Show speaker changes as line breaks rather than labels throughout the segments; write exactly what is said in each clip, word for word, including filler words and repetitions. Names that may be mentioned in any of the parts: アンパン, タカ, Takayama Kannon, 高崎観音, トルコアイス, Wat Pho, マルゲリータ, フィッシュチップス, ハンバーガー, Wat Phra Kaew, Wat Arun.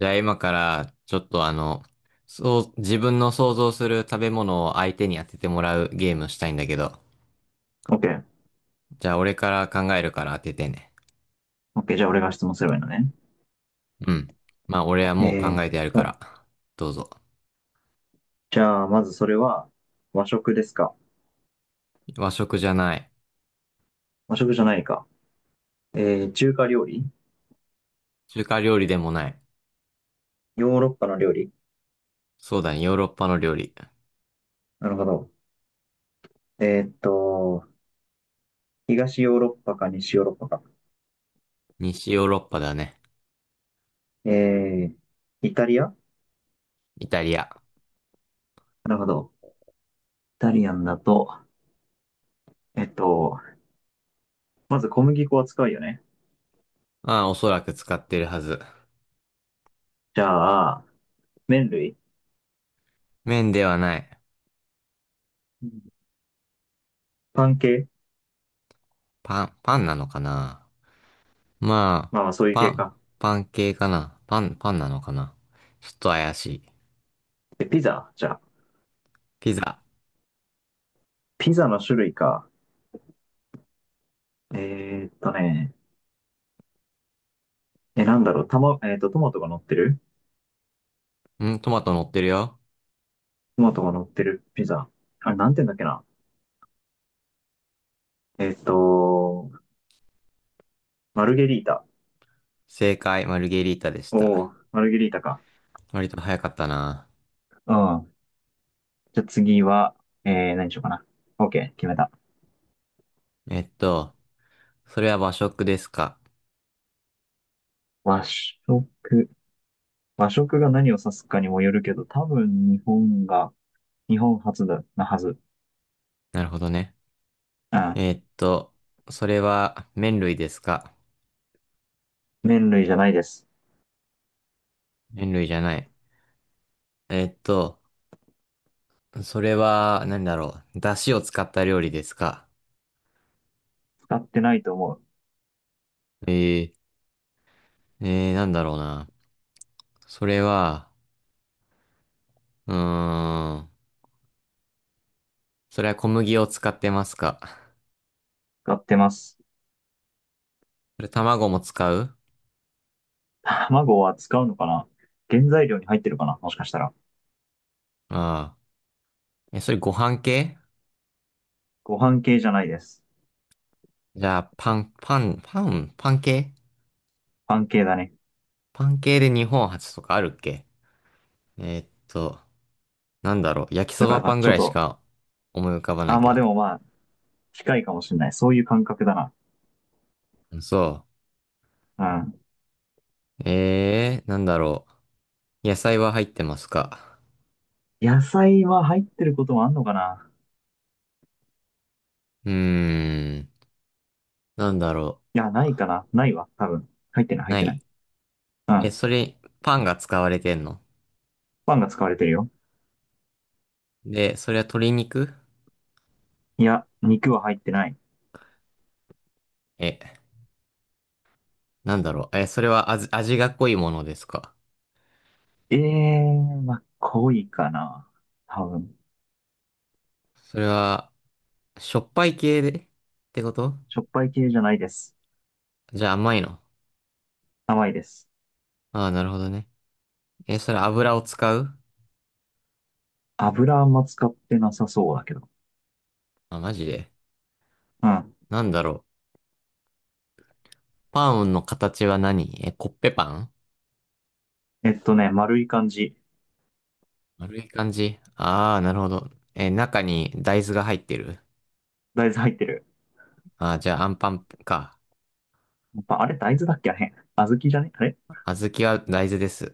じゃあ今からちょっとあの、そう、自分の想像する食べ物を相手に当ててもらうゲームしたいんだけど。
OK。
じゃあ俺から考えるから当ててね。
OK。じゃあ俺が質問すればいいのね。
うん。まあ俺はもう
え
考え
ー
て
っ
やるか
と、
ら。どうぞ。
じゃあまずそれは和食ですか？
和食じゃない。
和食じゃないか。えー、中華料理？
中華料理でもない。
ヨーロッパの料理？
そうだね、ヨーロッパの料理。
なるほど。えーっと、東ヨーロッパか西ヨーロッパか？
西ヨーロッパだね。
えー、イタリア？
イタリア。
なるほど。イタリアンだと、えっと、まず小麦粉は使うよね？
まあおそらく使ってるはず。
じゃあ、麺類？
麺ではない。
うん、パン系？
パン、パンなのかな。まあ、
まあまあそういう
パ
系
ン、
か。
パン系かな。パン、パンなのかな。ちょっと怪しい。
え、ピザ？じゃあ、
ピザ。
ピザの種類か。えーっとね、え、なんだろう、たま、えっと、トマトが乗ってる？
うん、トマト乗ってるよ。
トマトが乗ってるピザ。あれ、なんて言うんだっけな。えっと、マルゲリータ。
正解、マルゲリータでした。
おー、マルゲリータか。
割と早かったな。
うん。じゃあ次は、えー、何しようかな。OK、決めた。
えっと、それは和食ですか？
和食。和食が何を指すかにもよるけど、多分日本が、日本初だ、なはず。
なるほどね。
うん。
えっと、それは麺類ですか？
麺類じゃないです。
麺類じゃない。えっと、それは何だろう。出汁を使った料理ですか？
使ってないと思う。
えー、えー、なんだろうな。それは、うーん、それは小麦を使ってますか？
使ってます。
それ卵も使う？
卵は使うのかな？原材料に入ってるかな、もしかしたら。
ああー。え、それご飯系？
ご飯系じゃないです。
じゃあ、パン、パン、パン、パン系？
パン系だね。
パン系で日本初とかあるっけ？えーっと、なんだろう。焼き
だ
そ
か
ば
ら、
パンぐ
ちょっ
らいし
と、
か思い浮かばない
あ、
け
まあ
ど。
でもまあ、近いかもしれない。そういう感覚だな。
そ
うん。
う。えー、なんだろう。野菜は入ってますか？
野菜は入ってることもあんのかな？
うーん、なんだろ
いや、ないかな。ないわ、多分。入ってない、
う。
入っ
な
てな
い。
い。う
え、
ん。
それ、パンが使われてんの？
パンが使われてるよ。
で、それは鶏肉？
いや、肉は入ってない。
え、なんだろう。え、それは味、味が濃いものですか？
ええー、まあ、濃いかな。多分。
それは、しょっぱい系でってこと？
しょっぱい系じゃないです。
じゃあ甘いの？
甘いです。
ああー、なるほどね。え、それ油を使う？
油あんま使ってなさそうだけど。
あ、マジで。
うん。
なんだろう。パンの形は何？え、コッペパン？
えっとね、丸い感じ。
丸い感じ？ああー、なるほど。え、中に大豆が入ってる？
大豆入ってる。
ああー、じゃあアンパンか。
やっぱ、あれ大豆だっけあれ。小豆じゃねあれ？
小豆は大豆です。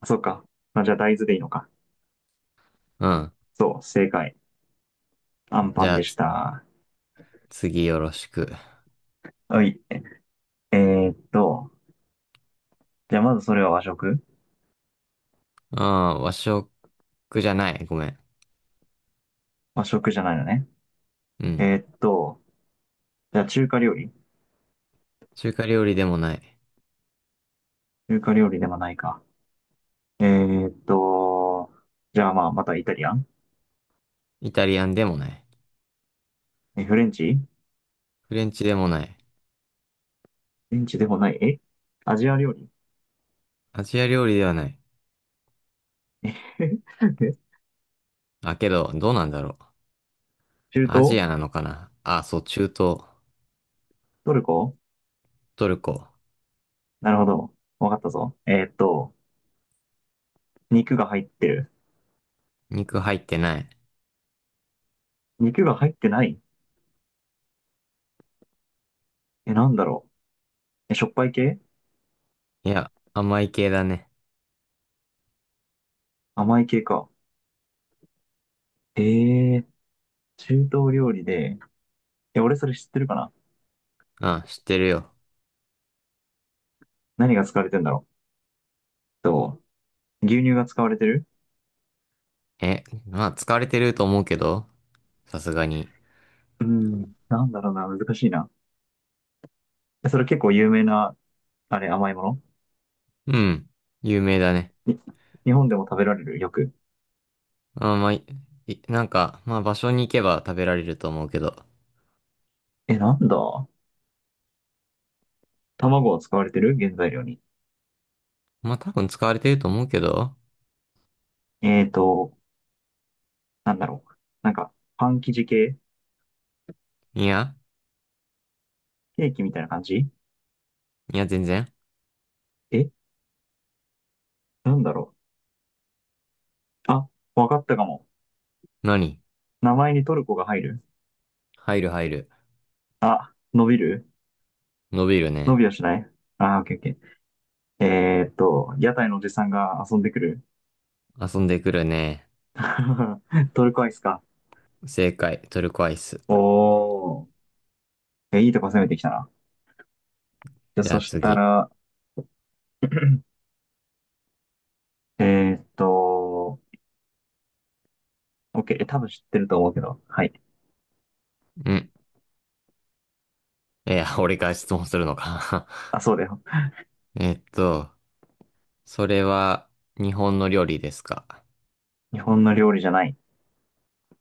あ、そうか。あ、じゃあ大豆でいいのか。
うん。
そう、正解。アン
じ
パン
ゃあ、
でし
つ
た。
次よろしく。
はい。えーっと、じゃあまずそれは和食？
うん、和食じゃない。ごめん。
和食じゃないのね。
うん。
えーっと、じゃあ中華料理？
中華料理でもない。
中華料理でもないか。えーっと、じゃあまあまたイタリアン？
イタリアンでもない。
え、フレンチ？フ
フレンチでもない。
レンチでもない。え、アジア料理？
アジア料理ではない。
えへへえ
あ、けど、どうなんだろう。
中
アジ
東？
アなのかなあ、そう、中東、
トルコ？
トルコ。
なるほど。わかったぞ。えーっと、肉が入ってる？
肉入ってない。
肉が入ってない？え、なんだろう。え、しょっぱい系？
いや、甘い系だね。
甘い系か。えー、中東料理で、え、俺それ知ってるかな？
あ、知ってるよ。
何が使われてんだろう。と、牛乳が使われてる？
え、まあ、使われてると思うけど、さすがに。
うん。なんだろうな、難しいな。えそれ結構有名な、あれ、甘いもの
うん、有名だね。
に日本でも食べられるよく。
あ、まあ、いいなんか、まあ、場所に行けば食べられると思うけど。
え、なんだ、卵は使われてる？原材料に。
まあ、多分使われてると思うけど。
えーと、なんだろう。なんか、パン生地系？
いや、
ケーキみたいな感じ？
いや、全然。
え、なんだろう。あ、わかったかも。
何？
名前にトルコが入る？
入る入る。
あ、伸びる？
伸びる
伸
ね。
びはしない？あー、オッケーオッケー。えーっと、屋台のおじさんが遊んでくる。
遊んでくるね。
トルコアイスか。
正解、トルコアイス。
おー。え、いいとこ攻めてきたな。じゃあ、
じゃ
そ
あ
した
次。
ら、えーっと、OK。え、多分知ってると思うけど。はい。
うん。いや、俺が質問するのか。
あ、そうだよ。
えっと、それは日本の料理ですか？
日本の料理じゃない。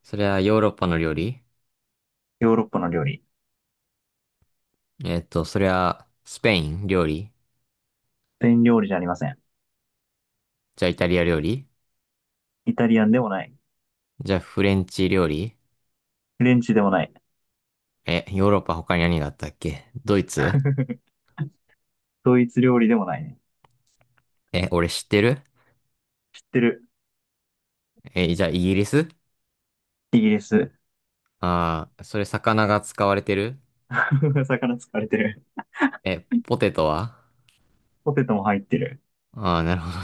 それはヨーロッパの料理？
ヨーロッパの料理。
えっと、それはスペイン料理？
スペイン料理じゃありません。
じゃあイタリア料理？
イタリアンでもない。
じゃあフレンチ料理？
フレンチでもない。
え、ヨーロッパ他に何があったっけ？ドイツ？
ドイツ料理でもないね。
え、俺知ってる？
知ってる。
え、じゃあイギリス？
イギリス。
ああー、それ魚が使われてる？
魚使われてる。
え、ポテトは？
ポテトも入ってる。
ああー、なるほど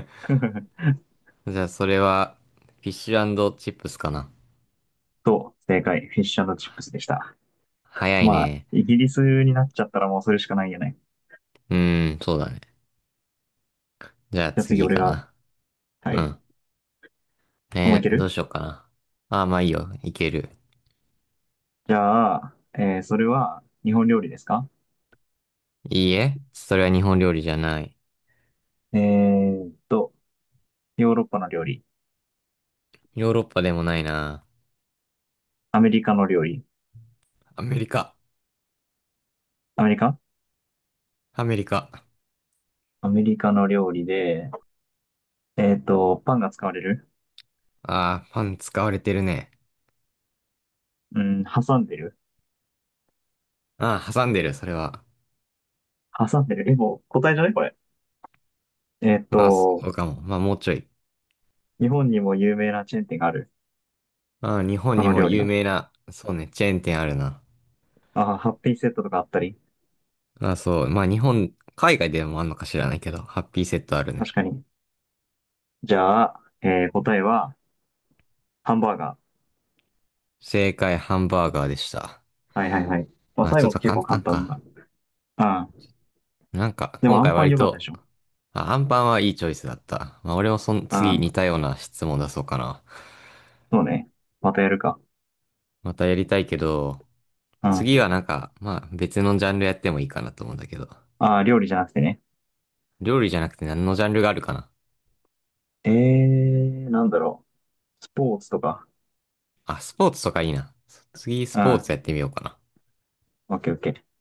ね。 じゃあそれはフィッシュチップスかな？
そう、正解。フィッシュチップスでした。
早い
まあ、
ね。
イギリスになっちゃったらもうそれしかないよね。
うーん、そうだね。じゃあ
じゃあ次
次
俺
か
が、
な。
は
う
い。
ん。
もうい
ね
け
えーどう
る？
しようかな。ああ、まあいいよ。いける。
じゃあ、えーそれは日本料理ですか？
いいえ。それは日本料理じゃない。
えーっと、ヨーロッパの料理、
ヨーロッパでもないな。
アメリカの料理、
アメリカ。
アメリカ？
アメリカ。
アメリカの料理で、えーっと、パンが使われる？
ああ、パン使われてるね。
うん、挟んでる？
ああ、挟んでる、それは。
挟んでるえ、もう答えじゃないこれ。えーっ
まあ、そ
と、
うかも。まあ、もうちょい。
日本にも有名なチェーン店がある。
ああ、日本
そ
に
の
も
料理
有
の。
名な、そうね、チェーン店あるな。
あー、ハッピーセットとかあったり。
ああ、そう。まあ、日本、海外でもあんのか知らないけど、ハッピーセットあるね。
確かに。じゃあ、えー答えは、ハンバーガ
正解、ハンバーガーでした。
ー。はいはいはい。まあ、
まあ、
最
ちょっ
後の
と
結
簡
構簡
単
単
か。
だ。うん。
なんか、
でも、
今
ア
回
ンパン
割
良かったで
と、
しょ。
あ、アンパンはいいチョイスだった。まあ、俺もその
う
次似
ん。
たような質問出そうかな。
そうね。またやるか。
またやりたいけど、
う
次
ん。
はなんか、まあ別のジャンルやってもいいかなと思うんだけど。
ああ、料理じゃなくてね。
料理じゃなくて何のジャンルがあるかな。
ええー、なんだろう。スポーツとか。
あ、スポーツとかいいな。次ス
う
ポーツ
ん。
やってみようかな。
オッケーオッケー。